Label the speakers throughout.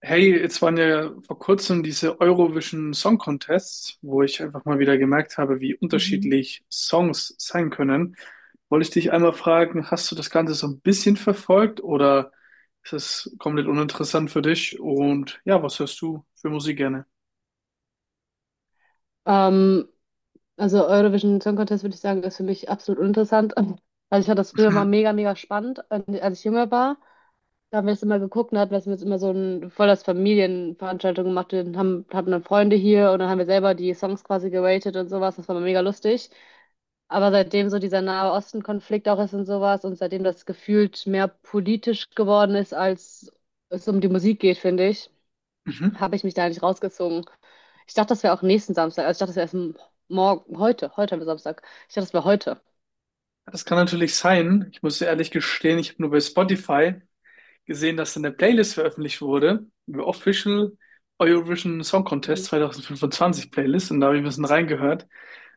Speaker 1: Hey, jetzt waren ja vor kurzem diese Eurovision Song Contests, wo ich einfach mal wieder gemerkt habe, wie
Speaker 2: Mhm.
Speaker 1: unterschiedlich Songs sein können. Wollte ich dich einmal fragen, hast du das Ganze so ein bisschen verfolgt oder ist es komplett uninteressant für dich? Und ja, was hörst du für Musik gerne?
Speaker 2: Ähm, also Eurovision Song Contest würde ich sagen, ist für mich absolut uninteressant. Also ich fand das früher mal
Speaker 1: Mhm.
Speaker 2: mega, mega spannend, als ich jünger war. Da haben wir das immer geguckt und hatten wir jetzt immer so ein voll das Familienveranstaltung gemacht. Hatten dann Freunde hier und dann haben wir selber die Songs quasi geratet und sowas. Das war mal mega lustig. Aber seitdem so dieser Nahe Osten-Konflikt auch ist und sowas und seitdem das gefühlt mehr politisch geworden ist, als es um die Musik geht, finde ich,
Speaker 1: Mhm.
Speaker 2: habe ich mich da nicht rausgezogen. Ich dachte, das wäre auch nächsten Samstag. Also ich dachte, das wäre erst morgen, heute am Samstag. Ich dachte, das wäre heute.
Speaker 1: Das kann natürlich sein. Ich muss dir ehrlich gestehen, ich habe nur bei Spotify gesehen, dass eine Playlist veröffentlicht wurde, die Official Eurovision Song Contest
Speaker 2: Mhm.
Speaker 1: 2025 Playlist, und da habe ich ein bisschen reingehört.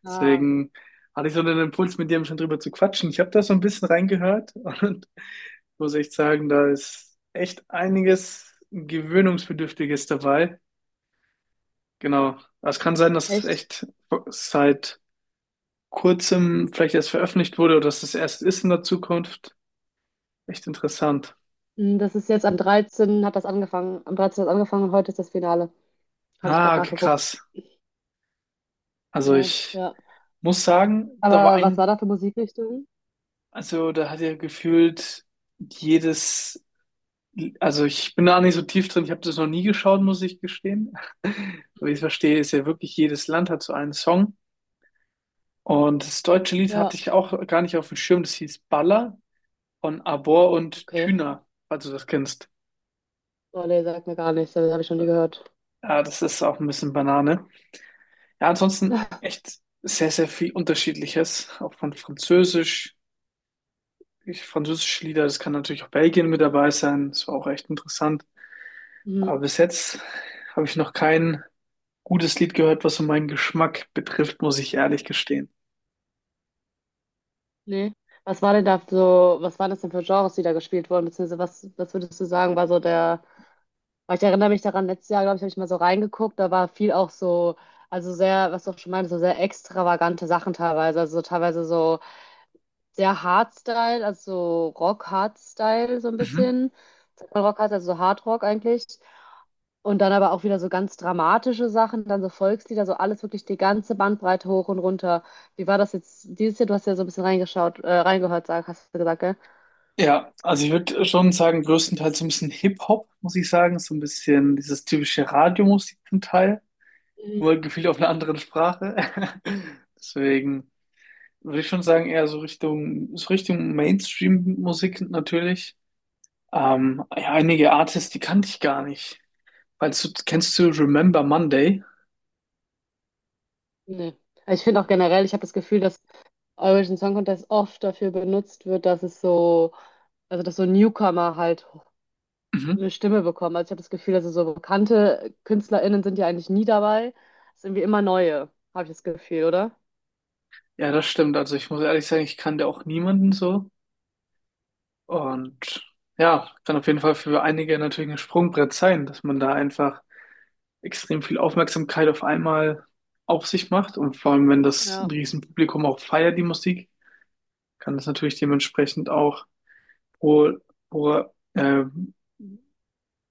Speaker 2: Ah,
Speaker 1: Deswegen hatte ich so einen Impuls, mit dir schon drüber zu quatschen. Ich habe da so ein bisschen reingehört und muss echt sagen, da ist echt einiges Gewöhnungsbedürftiges dabei. Genau. Aber es kann sein, dass es
Speaker 2: echt?
Speaker 1: echt seit kurzem vielleicht erst veröffentlicht wurde oder dass es erst ist in der Zukunft. Echt interessant.
Speaker 2: Hm. Das ist jetzt am 13. hat das angefangen. Am 13. hat das angefangen und heute ist das Finale. Habe ich
Speaker 1: Ah,
Speaker 2: gerade
Speaker 1: okay,
Speaker 2: nachgeguckt.
Speaker 1: krass. Also
Speaker 2: Genau,
Speaker 1: ich
Speaker 2: ja.
Speaker 1: Muss sagen, da war
Speaker 2: Aber was war
Speaker 1: ein,
Speaker 2: da für Musikrichtung?
Speaker 1: also da hat er gefühlt jedes, also ich bin da nicht so tief drin, ich habe das noch nie geschaut, muss ich gestehen. Aber wie ich es
Speaker 2: Mhm.
Speaker 1: verstehe, ist ja wirklich jedes Land hat so einen Song. Und das deutsche Lied hatte
Speaker 2: Ja,
Speaker 1: ich auch gar nicht auf dem Schirm, das hieß Baller von Abor und
Speaker 2: okay.
Speaker 1: Tüner, falls du das kennst.
Speaker 2: Oh, nee, sagt mir gar nichts. Das habe ich schon nie gehört.
Speaker 1: Ja, das ist auch ein bisschen Banane. Ja, ansonsten echt sehr, sehr viel Unterschiedliches, auch von Französisch. Ich, französische Lieder, das kann natürlich auch Belgien mit dabei sein, das war auch echt interessant.
Speaker 2: Mhm.
Speaker 1: Aber bis jetzt habe ich noch kein gutes Lied gehört, was so meinen Geschmack betrifft, muss ich ehrlich gestehen.
Speaker 2: Nee. Was war denn da so, was waren das denn für Genres, die da gespielt wurden? Beziehungsweise was würdest du sagen, war so der… Aber ich erinnere mich daran, letztes Jahr, glaube ich, habe ich mal so reingeguckt, da war viel auch so, also sehr, was du auch schon meintest, so sehr extravagante Sachen teilweise. Also teilweise so sehr Hardstyle, also so Rock-Hardstyle so ein
Speaker 1: Mhm.
Speaker 2: bisschen. Sagt man Rock-Hardstyle, also so Hardrock eigentlich. Und dann aber auch wieder so ganz dramatische Sachen, dann so Volkslieder, so alles wirklich die ganze Bandbreite hoch und runter. Wie war das jetzt dieses Jahr? Du hast ja so ein bisschen reingeschaut, reingehört, hast du gesagt, gell?
Speaker 1: Ja, also ich würde schon sagen, größtenteils so ein bisschen Hip-Hop, muss ich sagen. So ein bisschen dieses typische Radiomusik zum Teil, nur
Speaker 2: Mhm.
Speaker 1: gefühlt auf einer anderen Sprache. Deswegen würde ich schon sagen, eher so Richtung Mainstream-Musik natürlich. Ja, einige Artists, die kannte ich gar nicht. Weil du, kennst du Remember Monday?
Speaker 2: Nee. Ich finde auch generell, ich habe das Gefühl, dass Eurovision Song Contest oft dafür benutzt wird, dass es so, also dass so Newcomer halt
Speaker 1: Mhm.
Speaker 2: eine Stimme bekommen. Also ich habe das Gefühl, also so bekannte KünstlerInnen sind ja eigentlich nie dabei. Es sind irgendwie immer neue, habe ich das Gefühl, oder?
Speaker 1: Ja, das stimmt. Also ich muss ehrlich sagen, ich kannte auch niemanden so. Und ja, kann auf jeden Fall für einige natürlich ein Sprungbrett sein, dass man da einfach extrem viel Aufmerksamkeit auf einmal auf sich macht. Und vor allem, wenn das
Speaker 2: Ja.
Speaker 1: ein Riesenpublikum auch feiert, die Musik, kann das natürlich dementsprechend auch pro, pro, äh,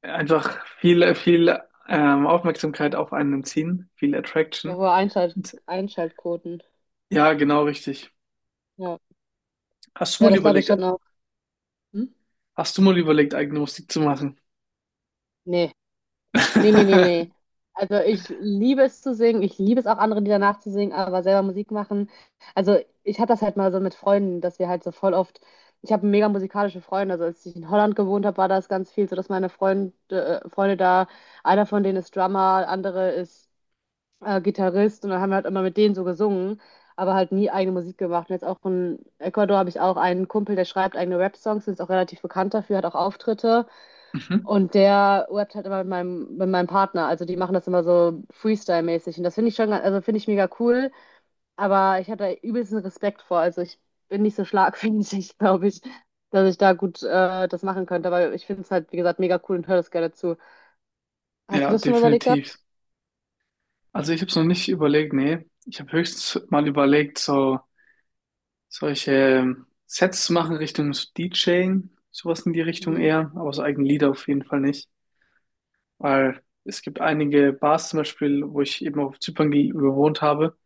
Speaker 1: einfach viel, viel Aufmerksamkeit auf einen ziehen, viel
Speaker 2: Ja,
Speaker 1: Attraction.
Speaker 2: hohe
Speaker 1: Und,
Speaker 2: Einschaltquoten.
Speaker 1: ja, genau richtig.
Speaker 2: Ja.
Speaker 1: Hast du
Speaker 2: Ja,
Speaker 1: mal
Speaker 2: das glaube ich
Speaker 1: überlegt,
Speaker 2: schon auch. Hm?
Speaker 1: hast du mal überlegt, eigene Musik zu machen?
Speaker 2: Nee. Nee, nee, nee, nee. Also ich liebe es zu singen, ich liebe es auch andere Lieder nachzusingen, aber selber Musik machen. Also ich hatte das halt mal so mit Freunden, dass wir halt so voll oft, ich habe mega musikalische Freunde, also als ich in Holland gewohnt habe, war das ganz viel so, dass meine Freunde, Freunde da, einer von denen ist Drummer, andere ist Gitarrist und dann haben wir halt immer mit denen so gesungen, aber halt nie eigene Musik gemacht. Und jetzt auch in Ecuador habe ich auch einen Kumpel, der schreibt eigene Rap-Songs, ist auch relativ bekannt dafür, hat auch Auftritte.
Speaker 1: Mhm.
Speaker 2: Und der rappt halt immer mit mit meinem Partner. Also die machen das immer so Freestyle-mäßig. Und das finde ich schon, also finde ich mega cool. Aber ich habe da übelsten Respekt vor. Also ich bin nicht so schlagfertig, glaube ich, dass ich da gut das machen könnte. Aber ich finde es halt, wie gesagt, mega cool und höre das gerne zu. Hast du
Speaker 1: Ja,
Speaker 2: das schon mal überlegt
Speaker 1: definitiv.
Speaker 2: gehabt?
Speaker 1: Also ich habe es noch nicht überlegt, nee. Ich habe höchstens mal überlegt, so solche Sets zu machen Richtung so DJing, sowas in die Richtung
Speaker 2: Mhm.
Speaker 1: eher, aber so eigene Lieder auf jeden Fall nicht. Weil es gibt einige Bars zum Beispiel, wo ich eben auf Zypern gewohnt habe,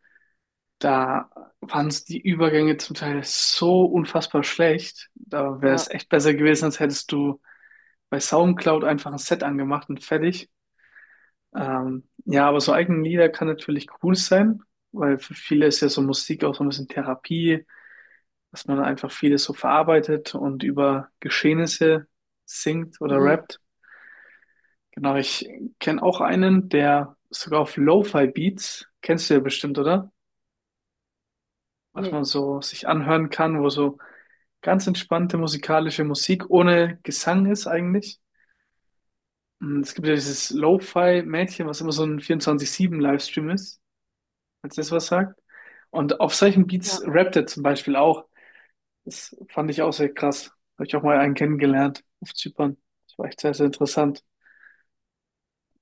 Speaker 1: da waren so die Übergänge zum Teil so unfassbar schlecht. Da wäre
Speaker 2: Ja.
Speaker 1: es echt besser gewesen, als hättest du bei SoundCloud einfach ein Set angemacht und fertig. Ja, aber so eigene Lieder kann natürlich cool sein, weil für viele ist ja so Musik auch so ein bisschen Therapie, dass man einfach vieles so verarbeitet und über Geschehnisse singt oder
Speaker 2: Mhm.
Speaker 1: rappt. Genau, ich kenne auch einen, der sogar auf Lo-Fi-Beats, kennst du ja bestimmt, oder? Was
Speaker 2: Nee.
Speaker 1: man so sich anhören kann, wo so ganz entspannte musikalische Musik ohne Gesang ist eigentlich. Und es gibt ja dieses Lo-Fi-Mädchen, was immer so ein 24/7 livestream ist, falls das was sagt. Und auf solchen Beats
Speaker 2: Ja.
Speaker 1: rappt er zum Beispiel auch. Das fand ich auch sehr krass. Habe ich auch mal einen kennengelernt auf Zypern. Das war echt sehr, sehr interessant.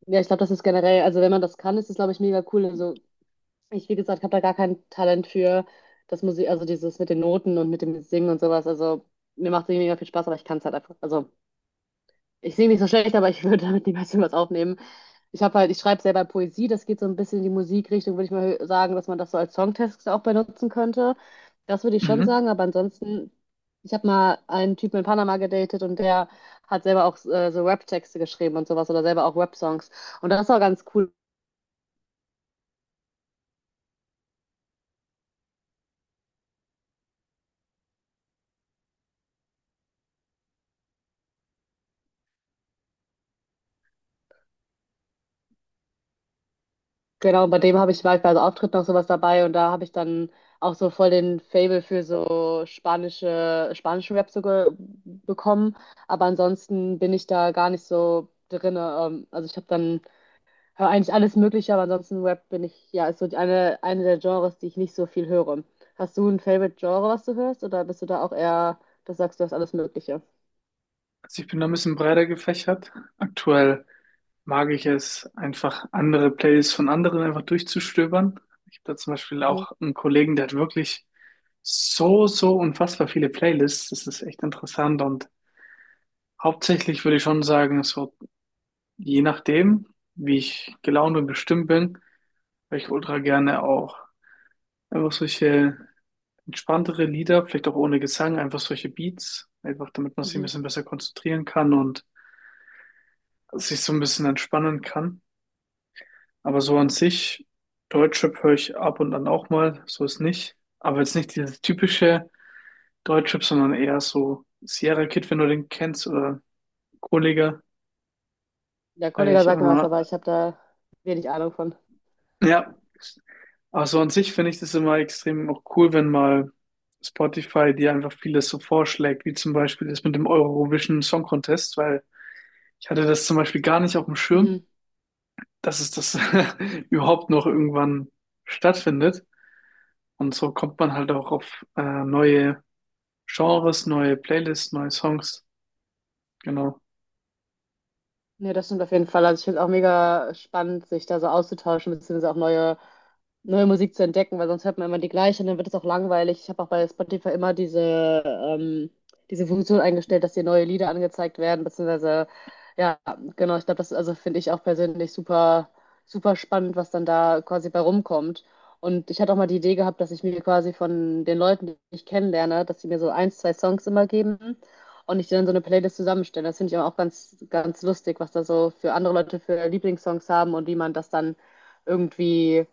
Speaker 2: Ja, ich glaube, das ist generell, also wenn man das kann, ist das, glaube ich, mega cool. Also ich, wie gesagt, habe da gar kein Talent für das Musik, also dieses mit den Noten und mit dem Singen und sowas. Also mir macht es mega viel Spaß, aber ich kann es halt einfach. Also ich singe nicht so schlecht, aber ich würde damit niemals was aufnehmen. Ich schreibe selber Poesie, das geht so ein bisschen in die Musikrichtung, würde ich sagen, dass man das so als Songtext auch benutzen könnte. Das würde ich schon
Speaker 1: Mhm.
Speaker 2: sagen, aber ansonsten, ich habe mal einen Typen in Panama gedatet und der hat selber auch so Rap-Texte geschrieben und sowas oder selber auch Rap-Songs. Und das war ganz cool. Genau, und bei dem habe ich war ich bei so Auftritten noch sowas dabei und da habe ich dann auch so voll den Faible für so spanischen Rap so ge bekommen. Aber ansonsten bin ich da gar nicht so drinne. Also ich habe dann höre eigentlich alles Mögliche, aber ansonsten Rap bin ich, ja, ist so eine der Genres, die ich nicht so viel höre. Hast du ein Favorite Genre, was du hörst, oder bist du da auch eher, das sagst du, hast alles Mögliche?
Speaker 1: Also ich bin da ein bisschen breiter gefächert. Aktuell mag ich es, einfach andere Playlists von anderen einfach durchzustöbern. Ich habe da zum Beispiel
Speaker 2: Mhm.
Speaker 1: auch einen Kollegen, der hat wirklich so, so unfassbar viele Playlists. Das ist echt interessant. Und hauptsächlich würde ich schon sagen, so je nachdem, wie ich gelaunt und bestimmt bin, weil ich ultra gerne auch einfach solche entspanntere Lieder, vielleicht auch ohne Gesang, einfach solche Beats, einfach damit man sich ein
Speaker 2: Mhm.
Speaker 1: bisschen besser konzentrieren kann und sich so ein bisschen entspannen kann. Aber so an sich, Deutschrap höre ich ab und an auch mal, so ist nicht. Aber jetzt nicht dieses typische Deutschrap, sondern eher so Sierra Kid, wenn du den kennst, oder Kollega,
Speaker 2: Der
Speaker 1: feiere
Speaker 2: Kollege
Speaker 1: ich
Speaker 2: sagt mir was,
Speaker 1: immer.
Speaker 2: aber ich habe da wenig Ahnung von.
Speaker 1: Ja, also an sich finde ich das immer extrem auch cool, wenn mal Spotify dir einfach vieles so vorschlägt, wie zum Beispiel das mit dem Eurovision Song Contest, weil ich hatte das zum Beispiel gar nicht auf dem Schirm, dass es das überhaupt noch irgendwann stattfindet. Und so kommt man halt auch auf neue Genres, neue Playlists, neue Songs. Genau.
Speaker 2: Nee, das stimmt auf jeden Fall. Also ich finde es auch mega spannend, sich da so auszutauschen, beziehungsweise auch neue Musik zu entdecken, weil sonst hört man immer die gleiche und dann wird es auch langweilig. Ich habe auch bei Spotify immer diese Funktion eingestellt, dass dir neue Lieder angezeigt werden, beziehungsweise, ja, genau, ich glaube, das finde ich auch persönlich super spannend, was dann da quasi bei rumkommt. Und ich hatte auch mal die Idee gehabt, dass ich mir quasi von den Leuten, die ich kennenlerne, dass sie mir so ein, zwei Songs immer geben und ich dann so eine Playlist zusammenstelle. Das finde ich aber auch ganz, ganz lustig, was da so für andere Leute für Lieblingssongs haben und wie man das dann irgendwie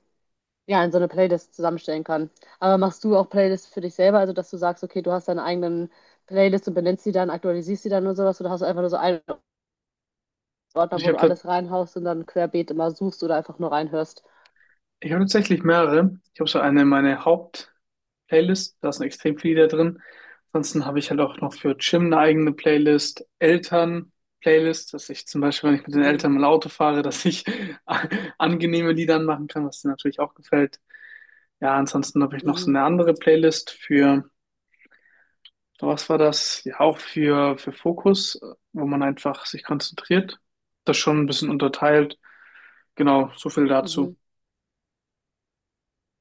Speaker 2: ja, in so eine Playlist zusammenstellen kann. Aber machst du auch Playlists für dich selber, also dass du sagst, okay, du hast deine eigenen Playlists und benennst sie dann, aktualisierst sie dann und sowas oder hast du einfach nur so einen
Speaker 1: Also
Speaker 2: Ordner,
Speaker 1: Ich
Speaker 2: wo
Speaker 1: habe
Speaker 2: du
Speaker 1: da
Speaker 2: alles reinhaust und dann querbeet immer suchst oder einfach nur reinhörst?
Speaker 1: Ich habe tatsächlich mehrere. Ich habe so eine meine Haupt-Playlist, da sind extrem viele da drin. Ansonsten habe ich halt auch noch für Gym eine eigene Playlist, Eltern-Playlist, dass ich zum Beispiel, wenn ich mit den
Speaker 2: Mhm,
Speaker 1: Eltern mal Auto fahre, dass ich angenehme Lieder anmachen kann, was denen natürlich auch gefällt. Ja, ansonsten habe ich noch so
Speaker 2: mhm,
Speaker 1: eine andere Playlist für, was war das? Ja, auch für Fokus, wo man einfach sich konzentriert. Das schon ein bisschen unterteilt. Genau, so viel
Speaker 2: mhm.
Speaker 1: dazu.